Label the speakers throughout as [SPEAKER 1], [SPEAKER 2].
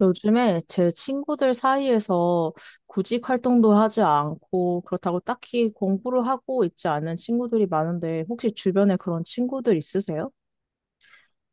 [SPEAKER 1] 요즘에 제 친구들 사이에서 구직 활동도 하지 않고 그렇다고 딱히 공부를 하고 있지 않은 친구들이 많은데 혹시 주변에 그런 친구들 있으세요?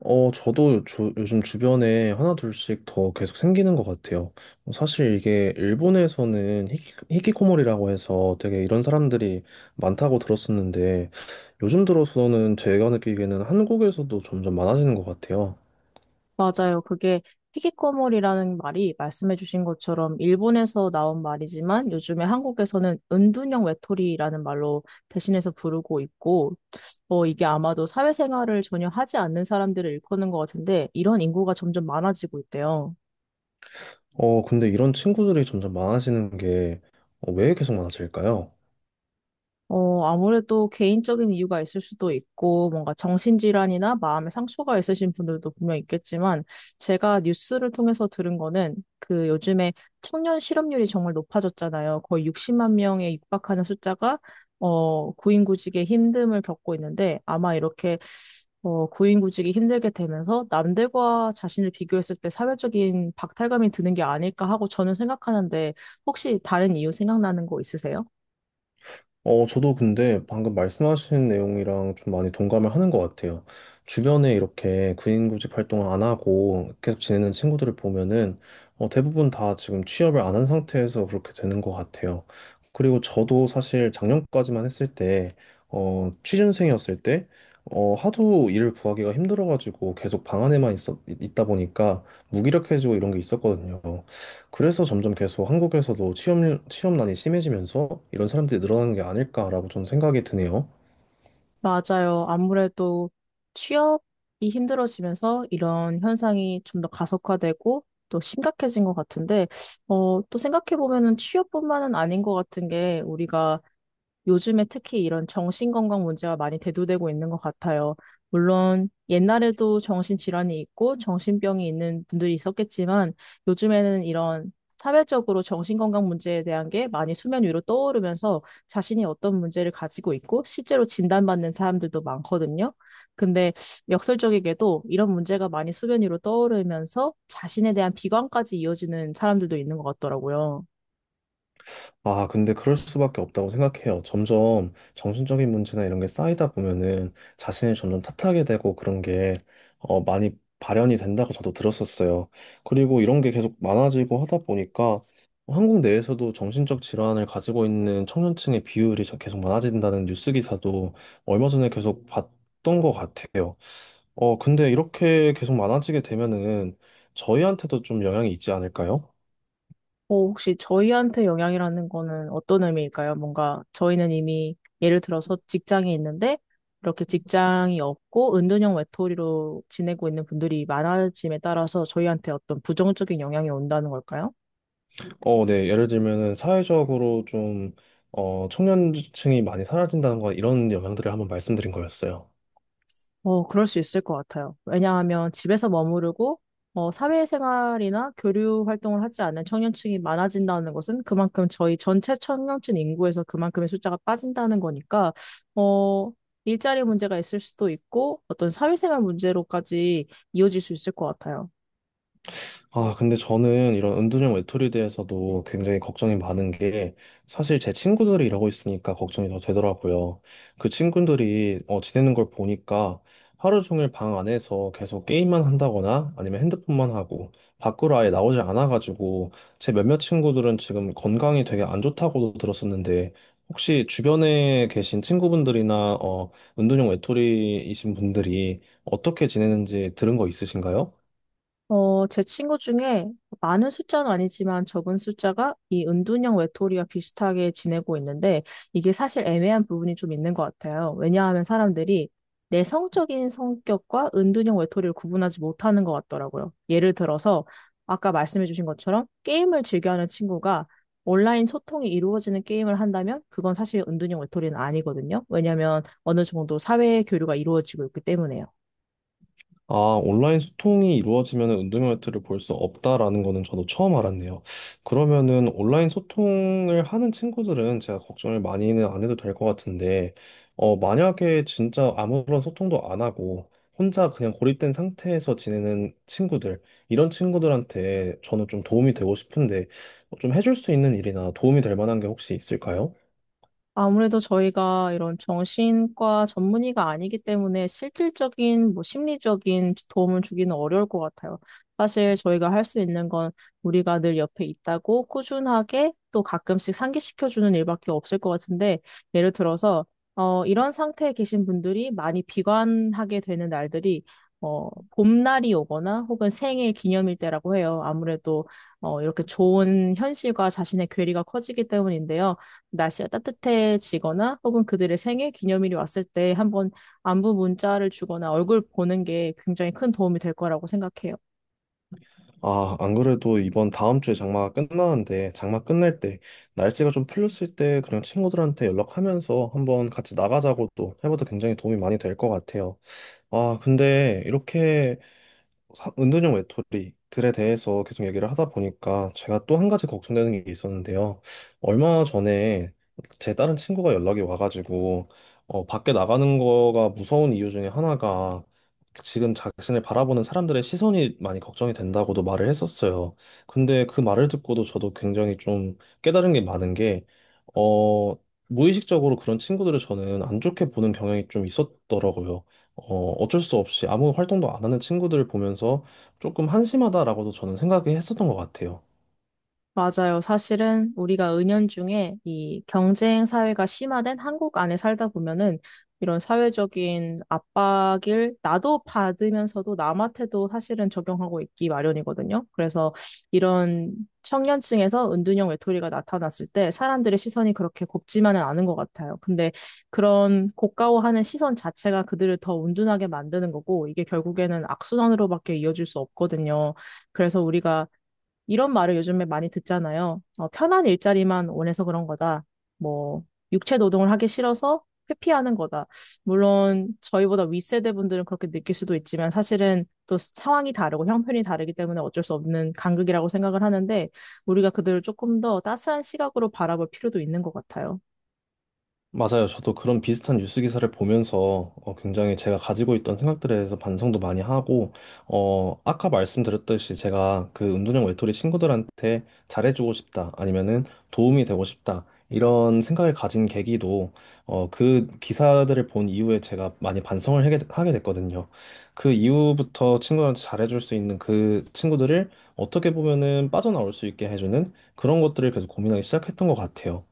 [SPEAKER 2] 저도 요즘 주변에 하나 둘씩 더 계속 생기는 것 같아요. 사실 이게 일본에서는 히키코모리라고 해서 되게 이런 사람들이 많다고 들었었는데 요즘 들어서는 제가 느끼기에는 한국에서도 점점 많아지는 것 같아요.
[SPEAKER 1] 맞아요. 그게 희귀꼬물이라는 말이 말씀해주신 것처럼 일본에서 나온 말이지만 요즘에 한국에서는 은둔형 외톨이라는 말로 대신해서 부르고 있고 이게 아마도 사회생활을 전혀 하지 않는 사람들을 일컫는 것 같은데 이런 인구가 점점 많아지고 있대요.
[SPEAKER 2] 근데 이런 친구들이 점점 많아지는 게 왜 계속 많아질까요?
[SPEAKER 1] 아무래도 개인적인 이유가 있을 수도 있고, 뭔가 정신질환이나 마음의 상처가 있으신 분들도 분명 있겠지만, 제가 뉴스를 통해서 들은 거는 그 요즘에 청년 실업률이 정말 높아졌잖아요. 거의 60만 명에 육박하는 숫자가, 고인구직의 힘듦을 겪고 있는데, 아마 이렇게, 고인구직이 힘들게 되면서 남들과 자신을 비교했을 때 사회적인 박탈감이 드는 게 아닐까 하고 저는 생각하는데, 혹시 다른 이유 생각나는 거 있으세요?
[SPEAKER 2] 저도 근데 방금 말씀하신 내용이랑 좀 많이 동감을 하는 것 같아요. 주변에 이렇게 군인구직 활동을 안 하고 계속 지내는 친구들을 보면은 대부분 다 지금 취업을 안 한 상태에서 그렇게 되는 것 같아요. 그리고 저도 사실 작년까지만 했을 때, 취준생이었을 때, 하도 일을 구하기가 힘들어가지고 계속 방 안에만 있다 보니까 무기력해지고 이런 게 있었거든요. 그래서 점점 계속 한국에서도 취업난이 심해지면서 이런 사람들이 늘어나는 게 아닐까라고 좀 생각이 드네요.
[SPEAKER 1] 맞아요. 아무래도 취업이 힘들어지면서 이런 현상이 좀 더 가속화되고 또 심각해진 것 같은데, 또 생각해보면은 취업뿐만은 아닌 것 같은 게 우리가 요즘에 특히 이런 정신건강 문제가 많이 대두되고 있는 것 같아요. 물론 옛날에도 정신질환이 있고 정신병이 있는 분들이 있었겠지만 요즘에는 이런 사회적으로 정신건강 문제에 대한 게 많이 수면 위로 떠오르면서 자신이 어떤 문제를 가지고 있고 실제로 진단받는 사람들도 많거든요. 근데 역설적이게도 이런 문제가 많이 수면 위로 떠오르면서 자신에 대한 비관까지 이어지는 사람들도 있는 것 같더라고요.
[SPEAKER 2] 아, 근데 그럴 수밖에 없다고 생각해요. 점점 정신적인 문제나 이런 게 쌓이다 보면은 자신을 점점 탓하게 되고 그런 게 많이 발현이 된다고 저도 들었었어요. 그리고 이런 게 계속 많아지고 하다 보니까 한국 내에서도 정신적 질환을 가지고 있는 청년층의 비율이 계속 많아진다는 뉴스 기사도 얼마 전에 계속 봤던 것 같아요. 근데 이렇게 계속 많아지게 되면은 저희한테도 좀 영향이 있지 않을까요?
[SPEAKER 1] 혹시 저희한테 영향이라는 거는 어떤 의미일까요? 뭔가 저희는 이미 예를 들어서 직장이 있는데 이렇게 직장이 없고 은둔형 외톨이로 지내고 있는 분들이 많아짐에 따라서 저희한테 어떤 부정적인 영향이 온다는 걸까요?
[SPEAKER 2] 어, 네. 예를 들면은 사회적으로 청년층이 많이 사라진다는 건 이런 영향들을 한번 말씀드린 거였어요.
[SPEAKER 1] 그럴 수 있을 것 같아요. 왜냐하면 집에서 머무르고, 사회생활이나 교류 활동을 하지 않는 청년층이 많아진다는 것은 그만큼 저희 전체 청년층 인구에서 그만큼의 숫자가 빠진다는 거니까, 어, 일자리 문제가 있을 수도 있고, 어떤 사회생활 문제로까지 이어질 수 있을 것 같아요.
[SPEAKER 2] 아, 근데 저는 이런 은둔형 외톨이에 대해서도 굉장히 걱정이 많은 게 사실 제 친구들이 이러고 있으니까 걱정이 더 되더라고요. 그 친구들이 지내는 걸 보니까 하루 종일 방 안에서 계속 게임만 한다거나 아니면 핸드폰만 하고 밖으로 아예 나오지 않아가지고 제 몇몇 친구들은 지금 건강이 되게 안 좋다고도 들었었는데 혹시 주변에 계신 친구분들이나 어, 은둔형 외톨이이신 분들이 어떻게 지내는지 들은 거 있으신가요?
[SPEAKER 1] 제 친구 중에 많은 숫자는 아니지만 적은 숫자가 이 은둔형 외톨이와 비슷하게 지내고 있는데 이게 사실 애매한 부분이 좀 있는 것 같아요. 왜냐하면 사람들이 내성적인 성격과 은둔형 외톨이를 구분하지 못하는 것 같더라고요. 예를 들어서 아까 말씀해주신 것처럼 게임을 즐겨하는 친구가 온라인 소통이 이루어지는 게임을 한다면 그건 사실 은둔형 외톨이는 아니거든요. 왜냐하면 어느 정도 사회 교류가 이루어지고 있기 때문에요.
[SPEAKER 2] 아, 온라인 소통이 이루어지면 운동회를 볼 수 없다라는 거는 저도 처음 알았네요. 그러면은 온라인 소통을 하는 친구들은 제가 걱정을 많이는 안 해도 될 것 같은데, 만약에 진짜 아무런 소통도 안 하고 혼자 그냥 고립된 상태에서 지내는 친구들, 이런 친구들한테 저는 좀 도움이 되고 싶은데, 좀 해줄 수 있는 일이나 도움이 될 만한 게 혹시 있을까요?
[SPEAKER 1] 아무래도 저희가 이런 정신과 전문의가 아니기 때문에 실질적인 뭐 심리적인 도움을 주기는 어려울 것 같아요. 사실 저희가 할 수 있는 건 우리가 늘 옆에 있다고 꾸준하게 또 가끔씩 상기시켜주는 일밖에 없을 것 같은데 예를 들어서 이런 상태에 계신 분들이 많이 비관하게 되는 날들이 봄날이 오거나 혹은 생일 기념일 때라고 해요. 아무래도 이렇게 좋은 현실과 자신의 괴리가 커지기 때문인데요. 날씨가 따뜻해지거나 혹은 그들의 생일 기념일이 왔을 때 한번 안부 문자를 주거나 얼굴 보는 게 굉장히 큰 도움이 될 거라고 생각해요.
[SPEAKER 2] 아, 안 그래도 이번 다음 주에 장마가 끝나는데, 장마 끝날 때, 날씨가 좀 풀렸을 때, 그냥 친구들한테 연락하면서 한번 같이 나가자고 또 해봐도 굉장히 도움이 많이 될 것 같아요. 아, 근데 이렇게 은둔형 외톨이들에 대해서 계속 얘기를 하다 보니까 제가 또 한 가지 걱정되는 게 있었는데요. 얼마 전에 제 다른 친구가 연락이 와가지고 밖에 나가는 거가 무서운 이유 중에 하나가 지금 자신을 바라보는 사람들의 시선이 많이 걱정이 된다고도 말을 했었어요. 근데 그 말을 듣고도 저도 굉장히 좀 깨달은 게 많은 게 어, 무의식적으로 그런 친구들을 저는 안 좋게 보는 경향이 좀 있었더라고요. 어쩔 수 없이 아무 활동도 안 하는 친구들을 보면서 조금 한심하다라고도 저는 생각이 했었던 것 같아요.
[SPEAKER 1] 맞아요. 사실은 우리가 은연중에 이 경쟁 사회가 심화된 한국 안에 살다 보면은 이런 사회적인 압박을 나도 받으면서도 남한테도 사실은 적용하고 있기 마련이거든요. 그래서 이런 청년층에서 은둔형 외톨이가 나타났을 때 사람들의 시선이 그렇게 곱지만은 않은 것 같아요. 근데 그런 고가워하는 시선 자체가 그들을 더 은둔하게 만드는 거고 이게 결국에는 악순환으로밖에 이어질 수 없거든요. 그래서 우리가 이런 말을 요즘에 많이 듣잖아요. 편한 일자리만 원해서 그런 거다. 뭐, 육체 노동을 하기 싫어서 회피하는 거다. 물론, 저희보다 윗세대 분들은 그렇게 느낄 수도 있지만 사실은 또 상황이 다르고 형편이 다르기 때문에 어쩔 수 없는 간극이라고 생각을 하는데, 우리가 그들을 조금 더 따스한 시각으로 바라볼 필요도 있는 것 같아요.
[SPEAKER 2] 맞아요. 저도 그런 비슷한 뉴스 기사를 보면서 어, 굉장히 제가 가지고 있던 생각들에 대해서 반성도 많이 하고, 아까 말씀드렸듯이 제가 그 은둔형 외톨이 친구들한테 잘해주고 싶다, 아니면은 도움이 되고 싶다, 이런 생각을 가진 계기도 그 기사들을 본 이후에 제가 많이 반성을 하게 됐거든요. 그 이후부터 친구한테 잘해줄 수 있는 그 친구들을 어떻게 보면은 빠져나올 수 있게 해주는 그런 것들을 계속 고민하기 시작했던 것 같아요.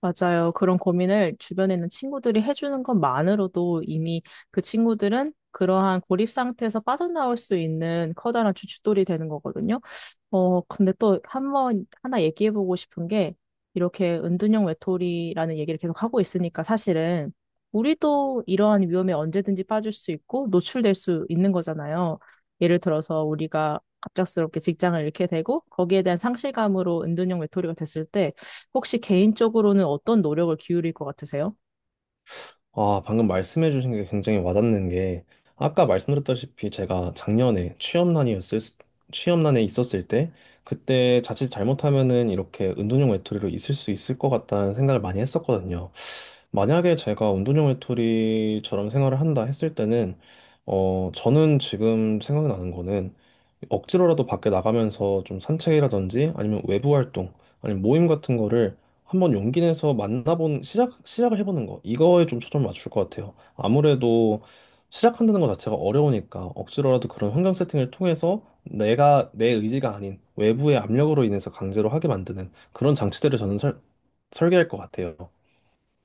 [SPEAKER 1] 맞아요. 그런 고민을 주변에 있는 친구들이 해주는 것만으로도 이미 그 친구들은 그러한 고립 상태에서 빠져나올 수 있는 커다란 주춧돌이 되는 거거든요. 근데 또 한 번, 하나 얘기해보고 싶은 게, 이렇게 은둔형 외톨이라는 얘기를 계속 하고 있으니까 사실은, 우리도 이러한 위험에 언제든지 빠질 수 있고, 노출될 수 있는 거잖아요. 예를 들어서 우리가 갑작스럽게 직장을 잃게 되고, 거기에 대한 상실감으로 은둔형 외톨이가 됐을 때, 혹시 개인적으로는 어떤 노력을 기울일 것 같으세요?
[SPEAKER 2] 아, 방금 말씀해 주신 게 굉장히 와닿는 게 아까 말씀드렸다시피 제가 작년에 취업난이었을 취업난에 있었을 때 그때 자칫 잘못하면은 이렇게 은둔형 외톨이로 있을 수 있을 것 같다는 생각을 많이 했었거든요. 만약에 제가 운동형 외톨이처럼 생활을 한다 했을 때는, 저는 지금 생각나는 거는 억지로라도 밖에 나가면서 좀 산책이라든지 아니면 외부 활동, 아니면 모임 같은 거를 한번 용기 내서 시작을 해보는 거. 이거에 좀 초점을 맞출 것 같아요. 아무래도 시작한다는 것 자체가 어려우니까 억지로라도 그런 환경 세팅을 통해서 내가 내 의지가 아닌 외부의 압력으로 인해서 강제로 하게 만드는 그런 장치들을 저는 설계할 것 같아요.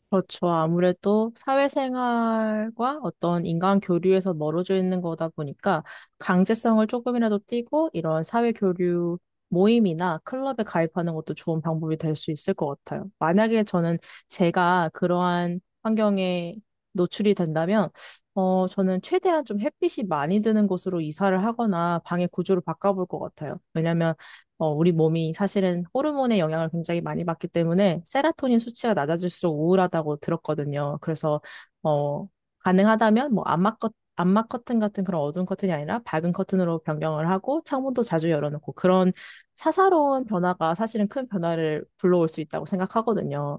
[SPEAKER 1] 그렇죠. 아무래도 사회생활과 어떤 인간 교류에서 멀어져 있는 거다 보니까 강제성을 조금이라도 띠고 이런 사회 교류 모임이나 클럽에 가입하는 것도 좋은 방법이 될 수 있을 것 같아요. 만약에 저는 제가 그러한 환경에 노출이 된다면, 저는 최대한 좀 햇빛이 많이 드는 곳으로 이사를 하거나 방의 구조를 바꿔볼 것 같아요. 왜냐면 우리 몸이 사실은 호르몬의 영향을 굉장히 많이 받기 때문에 세라토닌 수치가 낮아질수록 우울하다고 들었거든요. 그래서 어, 가능하다면 뭐 암막 커튼 같은 그런 어두운 커튼이 아니라 밝은 커튼으로 변경을 하고 창문도 자주 열어놓고 그런 사사로운 변화가 사실은 큰 변화를 불러올 수 있다고 생각하거든요.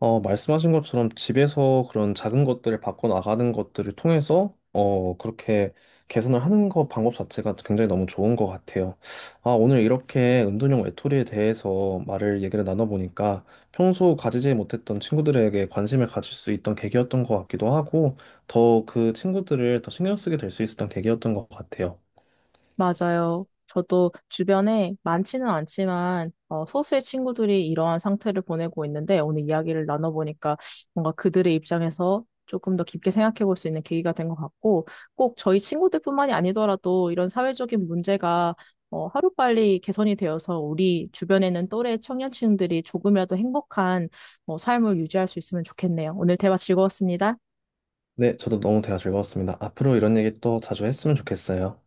[SPEAKER 2] 말씀하신 것처럼 집에서 그런 작은 것들을 바꿔나가는 것들을 통해서, 그렇게 개선을 하는 거 방법 자체가 굉장히 너무 좋은 것 같아요. 아, 오늘 이렇게 은둔형 외톨이에 대해서 말을 얘기를 나눠보니까 평소 가지지 못했던 친구들에게 관심을 가질 수 있던 계기였던 것 같기도 하고, 더 그 친구들을 더 신경 쓰게 될 수 있었던 계기였던 것 같아요.
[SPEAKER 1] 맞아요. 저도 주변에 많지는 않지만 소수의 친구들이 이러한 상태를 보내고 있는데 오늘 이야기를 나눠보니까 뭔가 그들의 입장에서 조금 더 깊게 생각해 볼 수 있는 계기가 된 것 같고 꼭 저희 친구들뿐만이 아니더라도 이런 사회적인 문제가 하루빨리 개선이 되어서 우리 주변에는 또래 청년층들이 조금이라도 행복한 삶을 유지할 수 있으면 좋겠네요. 오늘 대화 즐거웠습니다.
[SPEAKER 2] 네, 저도 너무 대화 즐거웠습니다. 앞으로 이런 얘기 또 자주 했으면 좋겠어요.